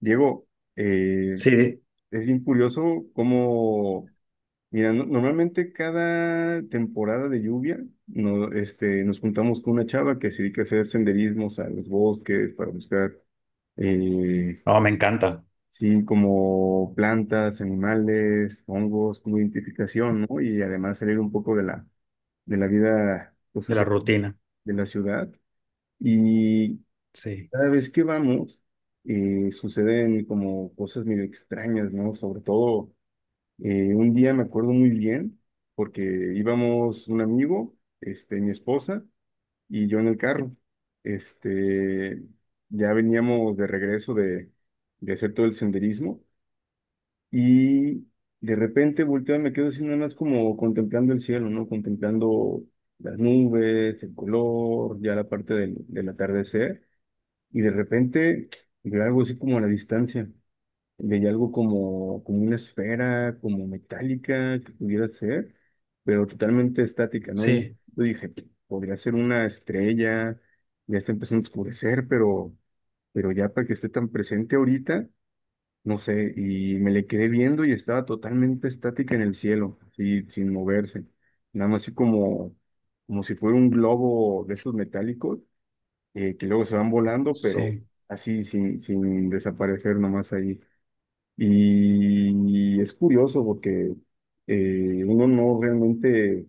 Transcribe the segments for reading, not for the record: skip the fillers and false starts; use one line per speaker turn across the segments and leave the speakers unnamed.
Diego, eh,
Sí,
es bien curioso cómo, mira, normalmente cada temporada de lluvia no, nos juntamos con una chava que se dedica a hacer senderismos a los bosques para buscar, eh,
no, me encanta
sí, como plantas, animales, hongos, como identificación, ¿no? Y además salir un poco de la vida, pues,
de la rutina.
de la ciudad. Y
Sí,
cada vez que vamos, suceden como cosas medio extrañas, ¿no? Sobre todo. Un día me acuerdo muy bien porque íbamos un amigo, mi esposa y yo en el carro. Este, ya veníamos de regreso de hacer todo el senderismo y de repente volteo y me quedo así nada más como contemplando el cielo, ¿no? Contemplando las nubes, el color, ya la parte del atardecer y de repente veo algo así como a la distancia. Veía algo como una esfera, como metálica, que pudiera ser, pero totalmente estática, ¿no? Y
sí,
yo dije, podría ser una estrella, ya está empezando a oscurecer, pero ya para que esté tan presente ahorita, no sé, y me le quedé viendo y estaba totalmente estática en el cielo, así, sin moverse, nada más así como si fuera un globo de esos metálicos, que luego se van volando, pero
sí.
así, sin desaparecer nomás ahí. Y es curioso porque uno no realmente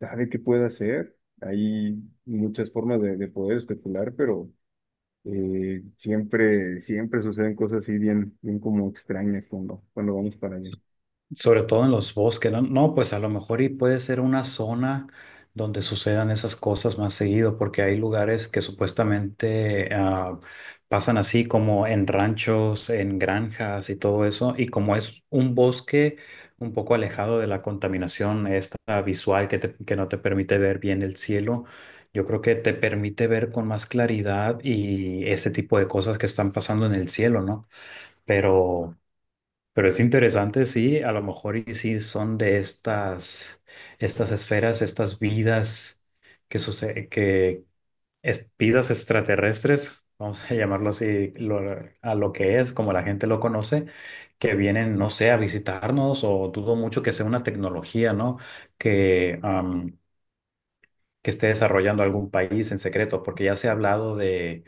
sabe qué puede hacer. Hay muchas formas de poder especular, pero siempre, siempre suceden cosas así bien, bien como extrañas cuando vamos para allá.
Sobre todo en los bosques, ¿no? No, pues a lo mejor y puede ser una zona donde sucedan esas cosas más seguido, porque hay lugares que supuestamente pasan así como en ranchos, en granjas y todo eso, y como es un bosque un poco alejado de la contaminación esta visual que, que no te permite ver bien el cielo, yo creo que te permite ver con más claridad y ese tipo de cosas que están pasando en el cielo, ¿no? Pero... Pero es interesante, sí, a lo mejor y sí son de estas esferas, estas vidas que sucede, que vidas extraterrestres, vamos a llamarlo así, a lo que es, como la gente lo conoce, que vienen, no sé, a visitarnos, o dudo mucho que sea una tecnología, ¿no? Que, que esté desarrollando algún país en secreto, porque ya se ha hablado de,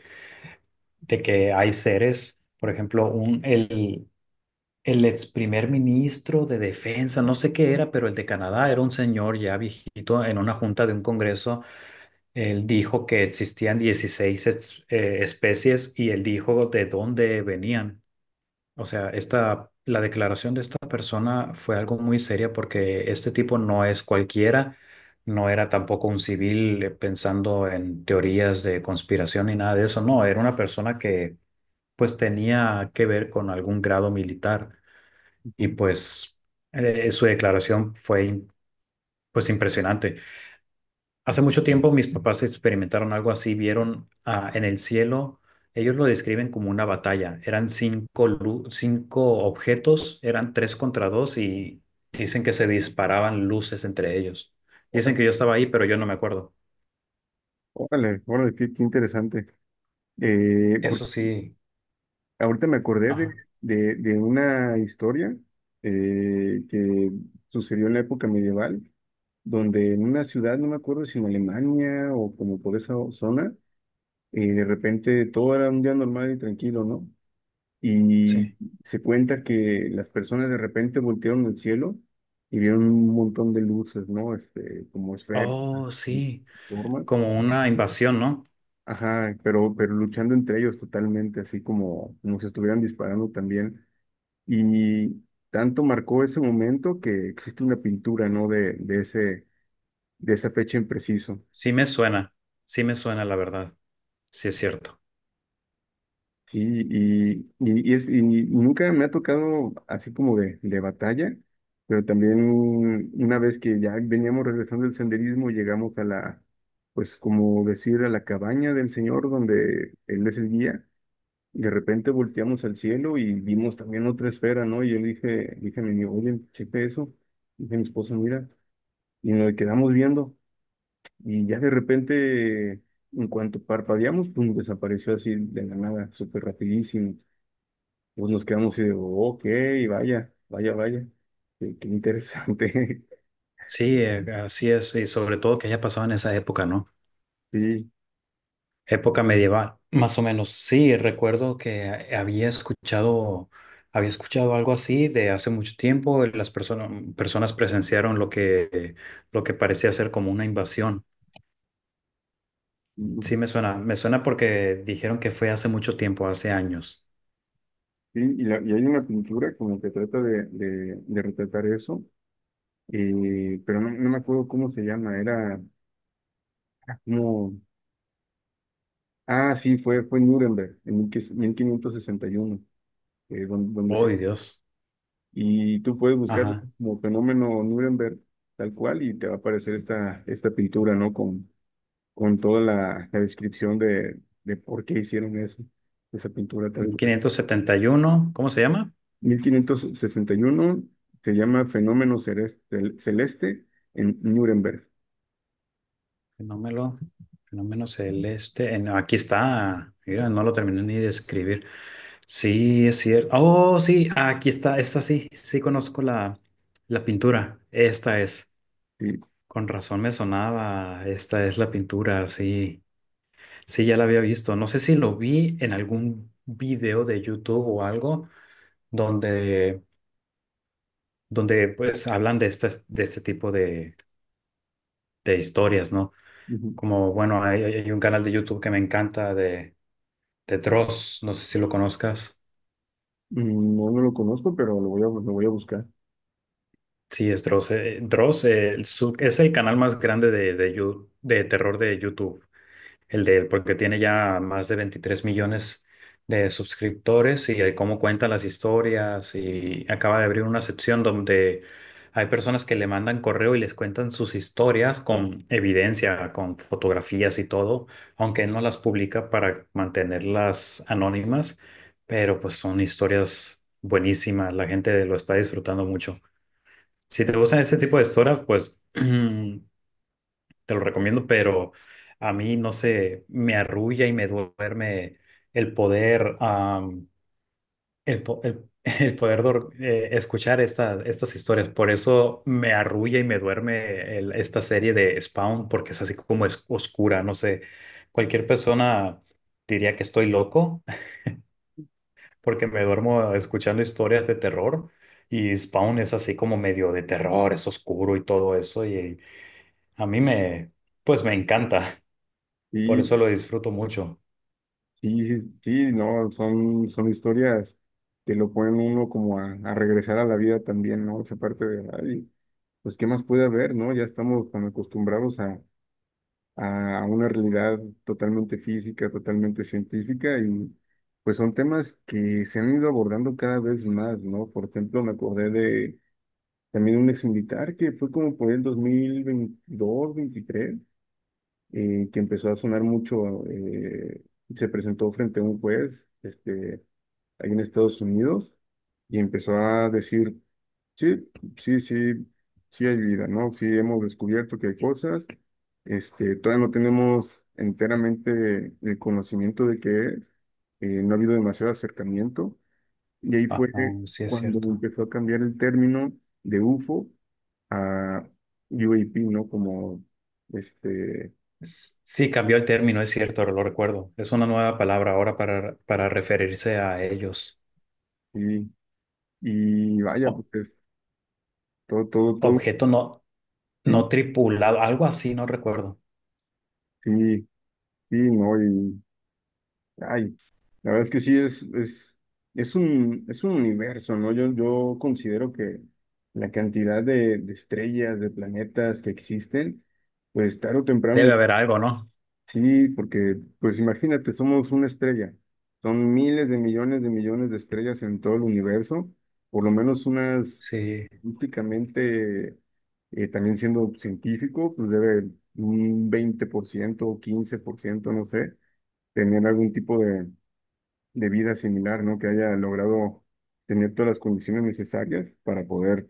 que hay seres, por ejemplo, el ex primer ministro de defensa, no sé qué era, pero el de Canadá era un señor ya viejito. En una junta de un congreso, él dijo que existían 16 especies y él dijo de dónde venían. O sea, la declaración de esta persona fue algo muy seria porque este tipo no es cualquiera, no era tampoco un civil pensando en teorías de conspiración ni nada de eso. No, era una persona que pues tenía que ver con algún grado militar. Y
Ujú.
pues su declaración fue pues impresionante. Hace mucho tiempo mis papás experimentaron algo así, vieron en el cielo, ellos lo describen como una batalla. Eran cinco objetos, eran tres contra dos y dicen que se disparaban luces entre ellos. Dicen
Órale,
que yo estaba ahí, pero yo no me acuerdo.
órale, órale, qué, qué interesante.
Eso
Porque
sí,
ahorita me acordé
ajá,
de una historia que sucedió en la época medieval donde en una ciudad, no me acuerdo si en Alemania o como por esa zona, de repente todo era un día normal y tranquilo, ¿no? Y
sí.
se cuenta que las personas de repente voltearon al cielo y vieron un montón de luces, ¿no? Este, como esferas,
Oh,
y
sí,
formas.
como una invasión, ¿no?
Ajá, pero luchando entre ellos totalmente, así como si estuvieran disparando también. Y tanto marcó ese momento que existe una pintura, ¿no? De ese, de esa fecha en preciso.
Sí me suena, sí me suena la verdad, sí es cierto.
Sí, y nunca me ha tocado así como de batalla, pero también una vez que ya veníamos regresando del senderismo, llegamos a la, pues como decir, a la cabaña del señor donde él es el guía, y de repente volteamos al cielo y vimos también otra esfera, ¿no? Y yo le dije, dije a mi amigo, oye, cheque eso, dije a mi esposo, mira, y nos quedamos viendo, y ya de repente, en cuanto parpadeamos, pum, desapareció así de la nada, súper rapidísimo. Pues nos quedamos y digo, ok, vaya, vaya, vaya. Qué, qué interesante.
Sí, así es, y sobre todo que haya pasado en esa época, ¿no?
Sí,
Época medieval, más o menos. Sí, recuerdo que había escuchado algo así de hace mucho tiempo. Las personas presenciaron lo que parecía ser como una invasión.
mm,
Sí, me suena porque dijeron que fue hace mucho tiempo, hace años.
sí, y, y hay una pintura como que trata de retratar eso, pero no me acuerdo cómo se llama, era como, ah, sí, fue en Nuremberg, en 1561, donde,
Oh,
se,
Dios.
y tú puedes buscar
Ajá.
como fenómeno Nuremberg tal cual y te va a aparecer esta pintura, ¿no? Con toda la descripción de por qué hicieron eso, esa pintura tal
mil
cual.
quinientos setenta y uno. ¿Cómo se llama?
1561 se llama Fenómeno Celeste, Celeste en Nuremberg.
Fenómeno, fenómeno celeste. Aquí está. Mira, no lo terminé ni de escribir. Sí, es cierto. Oh, sí, aquí está, esta sí, sí conozco la, la pintura. Esta es.
Sí.
Con razón me sonaba. Esta es la pintura, sí. Sí, ya la había visto. No sé si lo vi en algún video de YouTube o algo donde, donde pues hablan de este tipo de historias, ¿no?
Ujú.
Como, bueno, hay un canal de YouTube que me encanta de Dross, no sé si lo conozcas.
Mm. No, no lo conozco, pero lo voy a buscar.
Sí, es Dross. Dross, es el canal más grande de terror de YouTube, el de él, porque tiene ya más de 23 millones de suscriptores y el cómo cuenta las historias y acaba de abrir una sección donde hay personas que le mandan correo y les cuentan sus historias con evidencia, con fotografías y todo, aunque él no las publica para mantenerlas anónimas, pero pues son historias buenísimas, la gente lo está disfrutando mucho. Si te gustan ese tipo de historias, pues te lo recomiendo, pero a mí no sé, me arrulla y me duerme el poder, am, el, po- el- el poder escuchar estas historias. Por eso me arrulla y me duerme esta serie de Spawn, porque es así como es oscura, no sé. Cualquier persona diría que estoy loco, porque me duermo escuchando historias de terror. Y Spawn es así como medio de terror, es oscuro y todo eso. Y A mí me, pues me encanta, por
Y
eso lo disfruto mucho.
sí, sí, sí, no, son historias que lo ponen uno como a regresar a la vida también, ¿no? Esa parte de, ay, pues, ¿qué más puede haber, no? Ya estamos tan acostumbrados a una realidad totalmente física, totalmente científica y pues son temas que se han ido abordando cada vez más, ¿no? Por ejemplo, me acordé de también un ex militar que fue como por el 2022, 23, que empezó a sonar mucho, se presentó frente a un juez, ahí en Estados Unidos y empezó a decir. Sí, sí, sí, sí hay vida, ¿no? Sí hemos descubierto que hay cosas, todavía no tenemos enteramente el conocimiento de qué es, no ha habido demasiado acercamiento, y ahí
Ajá,
fue
sí es
cuando
cierto.
empezó a cambiar el término de UFO a UAP, ¿no? Como, este,
Sí, cambió el término, es cierto, lo recuerdo. Es una nueva palabra ahora para referirse a ellos.
sí, y vaya,
O-
pues todo, todo, todo,
objeto no,
sí,
no tripulado, algo así, no recuerdo.
sí, sí, ¿no? Ay, la verdad es que sí es un universo, ¿no? Yo considero que la cantidad de estrellas, de planetas que existen, pues tarde o temprano,
Debe haber algo, ¿no?
sí, porque pues imagínate, somos una estrella. Son miles de millones de millones de estrellas en todo el universo, por lo menos unas
Sí,
únicamente, también siendo científico, pues debe un 20% o 15%, no sé, tener algún tipo de vida similar, ¿no? Que haya logrado tener todas las condiciones necesarias para poder,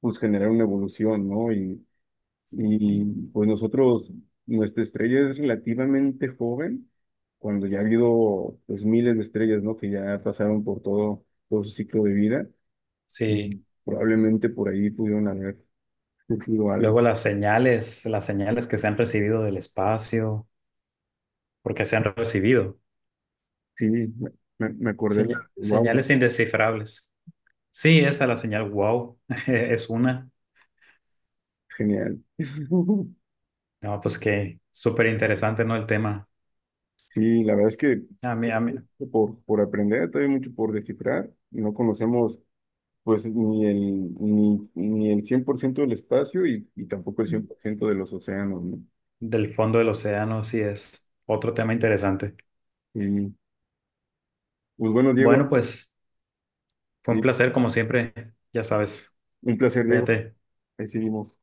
pues, generar una evolución, ¿no?
sí,
Y pues nosotros, nuestra estrella es relativamente joven, cuando ya ha habido, pues, miles de estrellas, ¿no? Que ya pasaron por todo, todo su ciclo de vida.
sí.
Ujú. Probablemente por ahí pudieron haber surgido algo.
Luego las señales que se han recibido del espacio, porque se han recibido.
Sí, me, me acordé,
Seña-
wow,
señales indescifrables. Sí, esa es la señal wow, es una.
genial.
No, pues que súper interesante, ¿no? El tema.
Sí, la verdad es que
A mí,
por aprender, todavía hay mucho por descifrar. No conocemos pues ni el, ni el 100% del espacio y tampoco el 100% de los océanos, ¿no?
del fondo del océano sí es otro tema interesante.
Y, pues bueno, Diego,
Bueno, pues fue un
sí,
placer como siempre, ya sabes.
un placer, Diego.
Cuídate.
Ahí seguimos.